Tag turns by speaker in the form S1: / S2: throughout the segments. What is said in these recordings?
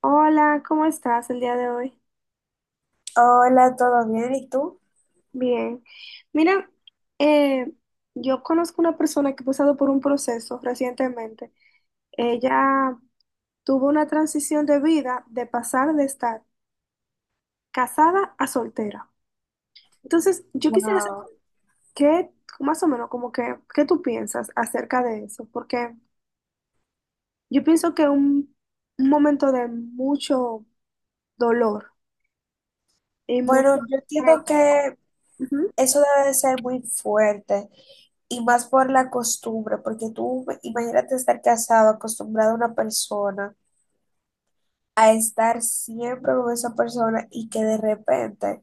S1: Hola, ¿cómo estás el día de hoy?
S2: Hola, ¿todo bien? ¿Y tú?
S1: Bien. Mira, eh, yo conozco una persona que ha pasado por un proceso recientemente. Ella tuvo una transición de vida de pasar de estar casada a soltera. Entonces, yo quisiera
S2: Wow.
S1: saber qué, más o menos, como que, qué tú piensas acerca de eso, porque yo pienso que un momento de mucho dolor y mucho.
S2: Bueno, yo entiendo que
S1: Ujú.
S2: eso debe de ser muy fuerte y más por la costumbre, porque tú imagínate estar casado, acostumbrado a una persona, a estar siempre con esa persona y que de repente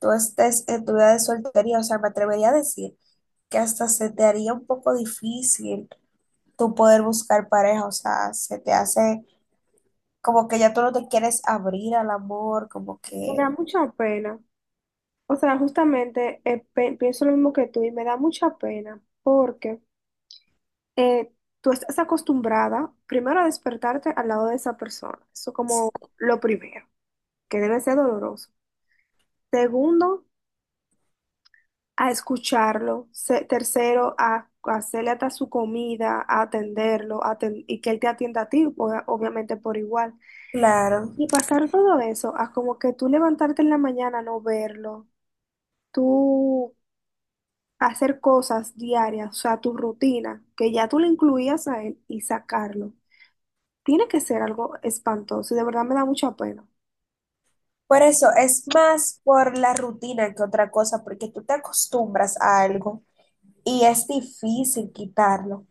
S2: tú estés en tu vida de soltería, o sea, me atrevería a decir que hasta se te haría un poco difícil tú poder buscar pareja, o sea, se te hace como que ya tú no te quieres abrir al amor, como
S1: Me da
S2: que,
S1: mucha pena. O sea, justamente pienso lo mismo que tú y me da mucha pena porque eh, tú estás acostumbrada primero a despertarte al lado de esa persona, eso como lo primero, que debe ser doloroso. Segundo, a escucharlo. Tercero, a hacerle hasta su comida, a atenderlo, y que él te atienda a ti, obviamente por igual.
S2: claro.
S1: Y pasar todo eso a como que tú levantarte en la mañana, no verlo, tú hacer cosas diarias, o sea, tu rutina, que ya tú le incluías a él y sacarlo, tiene que ser algo espantoso y de verdad me da mucha pena.
S2: Por eso es más por la rutina que otra cosa, porque tú te acostumbras a algo y es difícil quitarlo.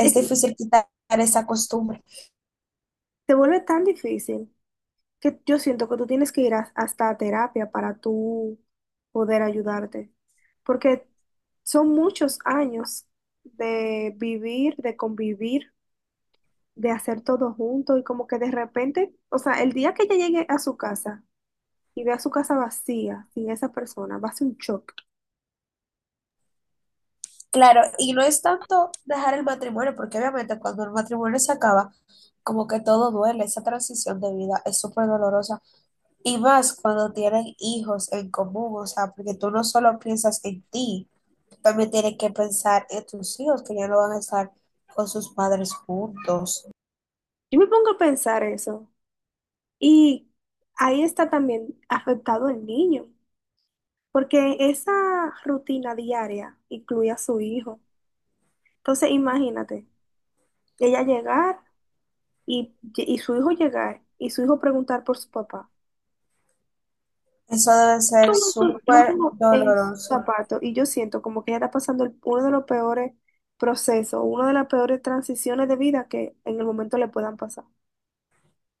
S1: Es que
S2: difícil quitar esa costumbre.
S1: se vuelve tan difícil que yo siento que tú tienes que ir hasta a terapia para tú poder ayudarte, porque son muchos años de vivir, de convivir, de hacer todo junto y como que de repente, o sea, el día que ella llegue a su casa y vea su casa vacía, sin esa persona, va a ser un shock.
S2: Claro, y no es tanto dejar el matrimonio, porque obviamente cuando el matrimonio se acaba, como que todo duele, esa transición de vida es súper dolorosa. Y más cuando tienen hijos en común, o sea, porque tú no solo piensas en ti, también tienes que pensar en tus hijos, que ya no van a estar con sus padres juntos.
S1: Yo me pongo a pensar eso. Y ahí está también afectado el niño, porque esa rutina diaria incluye a su hijo. Entonces, imagínate, ella llegar y su hijo llegar y su hijo preguntar por su papá.
S2: Eso debe ser
S1: Yo me
S2: súper
S1: pongo en su
S2: doloroso.
S1: zapato y yo siento como que ella está pasando uno de los peores procesos, una de las peores transiciones de vida que en el momento le puedan pasar.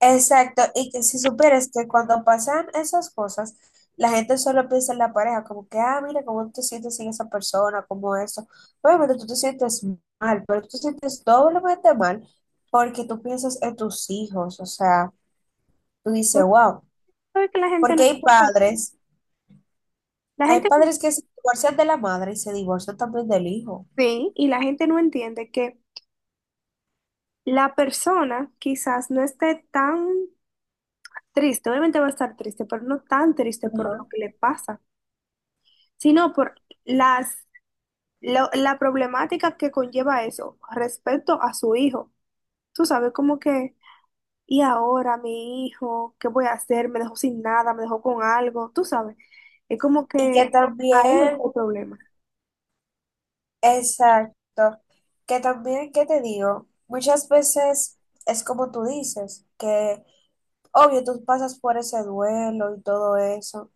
S2: Exacto, y que si supieras que cuando pasan esas cosas, la gente solo piensa en la pareja, como que, ah, mira, cómo tú te sientes sin esa persona, como eso. Obviamente tú te sientes mal, pero tú te sientes doblemente mal porque tú piensas en tus hijos, o sea, tú dices,
S1: Pero tú
S2: wow,
S1: sabes que la gente no
S2: porque
S1: entiende. La
S2: hay
S1: gente no-
S2: padres que se divorcian de la madre y se divorcian también del hijo.
S1: Sí, y la gente no entiende que la persona quizás no esté tan triste, obviamente va a estar triste, pero no tan triste por lo
S2: Ajá.
S1: que le pasa, sino por las, la problemática que conlleva eso respecto a su hijo. Tú sabes, como que, y ahora mi hijo, ¿qué voy a hacer? Me dejó sin nada, me dejó con algo, tú sabes. Es como
S2: Y que
S1: que ahí es
S2: también
S1: el problema.
S2: exacto. Que también, ¿qué te digo? Muchas veces es como tú dices, que obvio tú pasas por ese duelo y todo eso,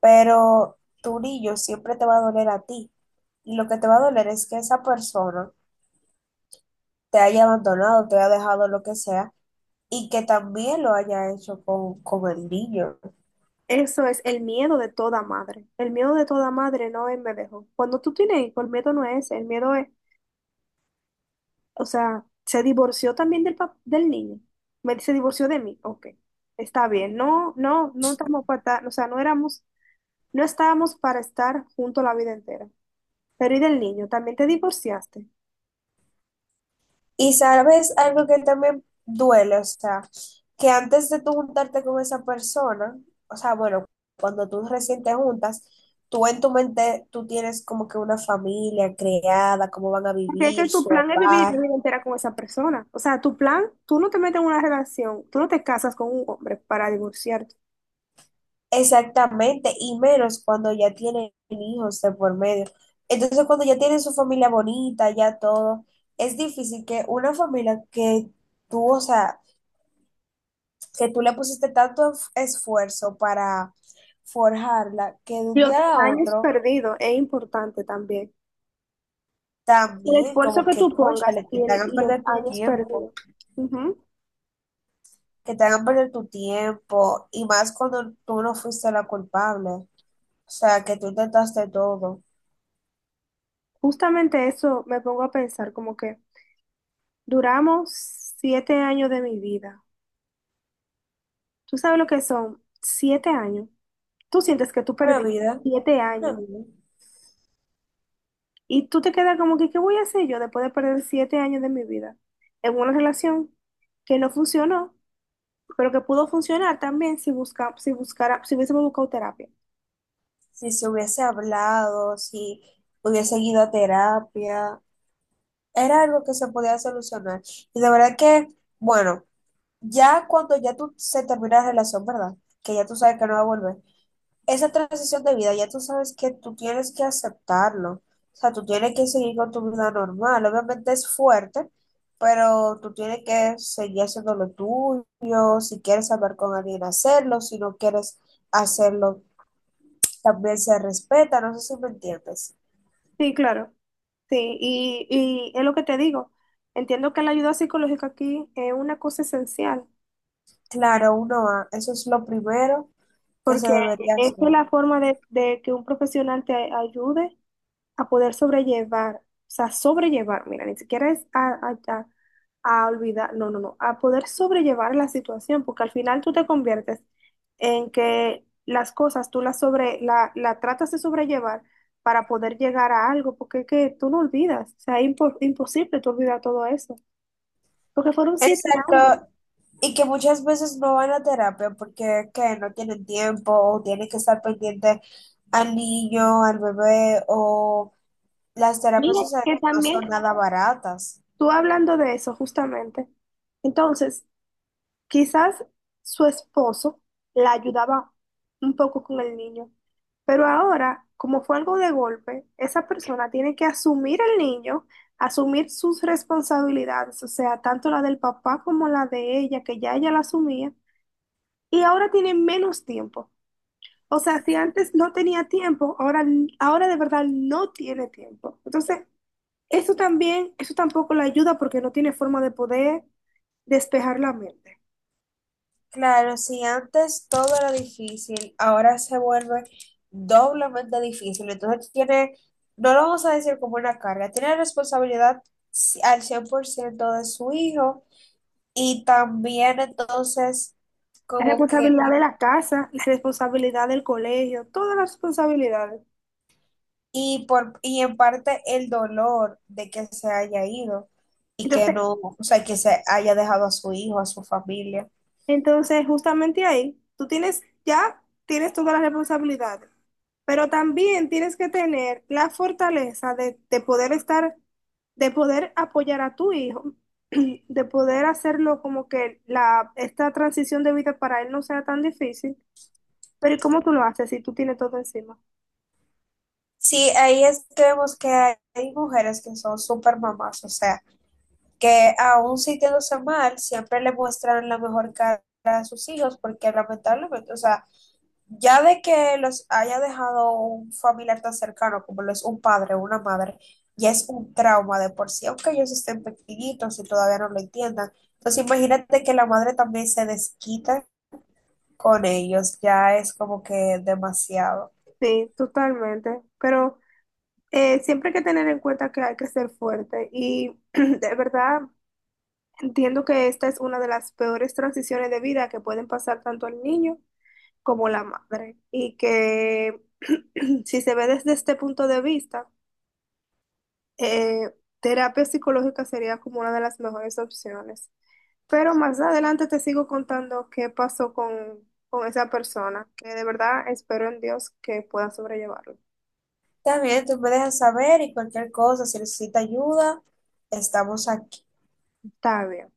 S2: pero tu niño siempre te va a doler a ti. Y lo que te va a doler es que esa persona te haya abandonado, te haya dejado lo que sea, y que también lo haya hecho con el niño.
S1: Eso es el miedo de toda madre. El miedo de toda madre no es me dejó. Cuando tú tienes hijo, el miedo no es, ese, el miedo es, o sea, se divorció también del niño. Me se divorció de mí. Ok, está bien. No, no, no estamos para o sea, no éramos, no estábamos para estar juntos la vida entera. Pero ¿y del niño? También te divorciaste.
S2: Y sabes algo que también duele, o sea, que antes de tú juntarte con esa persona, o sea, bueno, cuando tú recién te juntas, tú en tu mente, tú tienes como que una familia creada, cómo van a
S1: Porque es que
S2: vivir,
S1: tu
S2: su
S1: plan es vivir
S2: hogar,
S1: la vida entera con esa persona. O sea, tu plan, tú no te metes en una relación, tú no te casas con un hombre para divorciarte.
S2: exactamente, y menos cuando ya tienen hijos de por medio. Entonces, cuando ya tienen su familia bonita, ya todo, es difícil que una familia que tú, o sea, que tú le pusiste tanto esfuerzo para forjarla, que de un
S1: Los
S2: día a
S1: años
S2: otro
S1: perdidos es importante también. El
S2: también
S1: esfuerzo
S2: como
S1: que
S2: que
S1: tú pongas
S2: escúchale, que te hagan
S1: y los
S2: perder tu
S1: años
S2: tiempo,
S1: perdidos. Ujú.
S2: que te hagan perder tu tiempo, y más cuando tú no fuiste la culpable, o sea, que tú intentaste todo.
S1: Justamente eso me pongo a pensar, como que duramos 7 años de mi vida. ¿Tú sabes lo que son 7 años? Tú sientes que tú
S2: Una
S1: perdiste
S2: vida,
S1: siete
S2: una
S1: años
S2: vida.
S1: y tú te quedas como que, ¿qué voy a hacer yo después de perder 7 años de mi vida en una relación que no funcionó, pero que pudo funcionar también si buscara, si hubiésemos buscado terapia?
S2: Si se hubiese hablado, si hubiese ido a terapia, era algo que se podía solucionar. Y de verdad que, bueno. Ya cuando ya tú se termina la relación, ¿verdad? Que ya tú sabes que no va a volver. Esa transición de vida, ya tú sabes que tú tienes que aceptarlo. O sea, tú tienes que seguir con tu vida normal. Obviamente es fuerte, pero tú tienes que seguir haciendo lo tuyo. Si quieres hablar con alguien, hacerlo. Si no quieres hacerlo, también se respeta. No sé si me entiendes.
S1: Sí, claro. Sí, y es lo que te digo. Entiendo que la ayuda psicológica aquí es una cosa esencial,
S2: Claro, uno va. Eso es lo primero que se
S1: porque
S2: debería hacer.
S1: esta es la forma de que un profesional te ayude a poder sobrellevar, o sea, sobrellevar, mira, ni siquiera es a olvidar, no, no, no, a poder sobrellevar la situación, porque al final tú te conviertes en que las cosas tú las sobre, la tratas de sobrellevar para poder llegar a algo, porque es que tú no olvidas, o sea, es imposible tú olvidar todo eso, porque fueron 7 años.
S2: Exacto, y que muchas veces no van a terapia porque que no tienen tiempo o tienen que estar pendiente al niño, al bebé o las terapias
S1: Mira,
S2: sociales
S1: que
S2: no
S1: también,
S2: son nada baratas.
S1: tú hablando de eso, justamente, entonces, quizás su esposo la ayudaba un poco con el niño, pero ahora, como fue algo de golpe, esa persona tiene que asumir el niño, asumir sus responsabilidades, o sea, tanto la del papá como la de ella, que ya ella la asumía, y ahora tiene menos tiempo. O sea, si antes no tenía tiempo, ahora, ahora de verdad no tiene tiempo. Entonces, eso también, eso tampoco la ayuda porque no tiene forma de poder despejar la mente.
S2: Claro, si antes todo era difícil, ahora se vuelve doblemente difícil. Entonces tiene, no lo vamos a decir como una carga, tiene responsabilidad al 100% de su hijo y también entonces
S1: La
S2: como que
S1: responsabilidad de la casa, la responsabilidad del colegio, todas las responsabilidades.
S2: y, por, y en parte el dolor de que se haya ido y que
S1: Entonces,
S2: no, o sea, que se haya dejado a su hijo, a su familia.
S1: entonces, justamente ahí, tú tienes, ya tienes todas las responsabilidades, pero también tienes que tener la fortaleza de poder estar, de poder apoyar a tu hijo, de poder hacerlo como que la, esta transición de vida para él no sea tan difícil. Pero ¿y cómo tú lo haces si tú tienes todo encima?
S2: Sí, ahí es que vemos que hay mujeres que son súper mamás, o sea, que aún sintiéndose mal, siempre le muestran la mejor cara a sus hijos, porque lamentablemente, o sea, ya de que los haya dejado un familiar tan cercano como lo es un padre o una madre, ya es un trauma de por sí, aunque ellos estén pequeñitos y todavía no lo entiendan. Entonces imagínate que la madre también se desquita con ellos, ya es como que demasiado.
S1: Sí, totalmente. Pero siempre hay que tener en cuenta que hay que ser fuerte y de verdad entiendo que esta es una de las peores transiciones de vida que pueden pasar tanto al niño como la madre y que si se ve desde este punto de vista, eh, terapia psicológica sería como una de las mejores opciones. Pero más adelante te sigo contando qué pasó con esa persona, que de verdad espero en Dios que pueda sobrellevarlo.
S2: También tú me dejas saber y cualquier cosa, si necesita ayuda, estamos aquí.
S1: Está bien.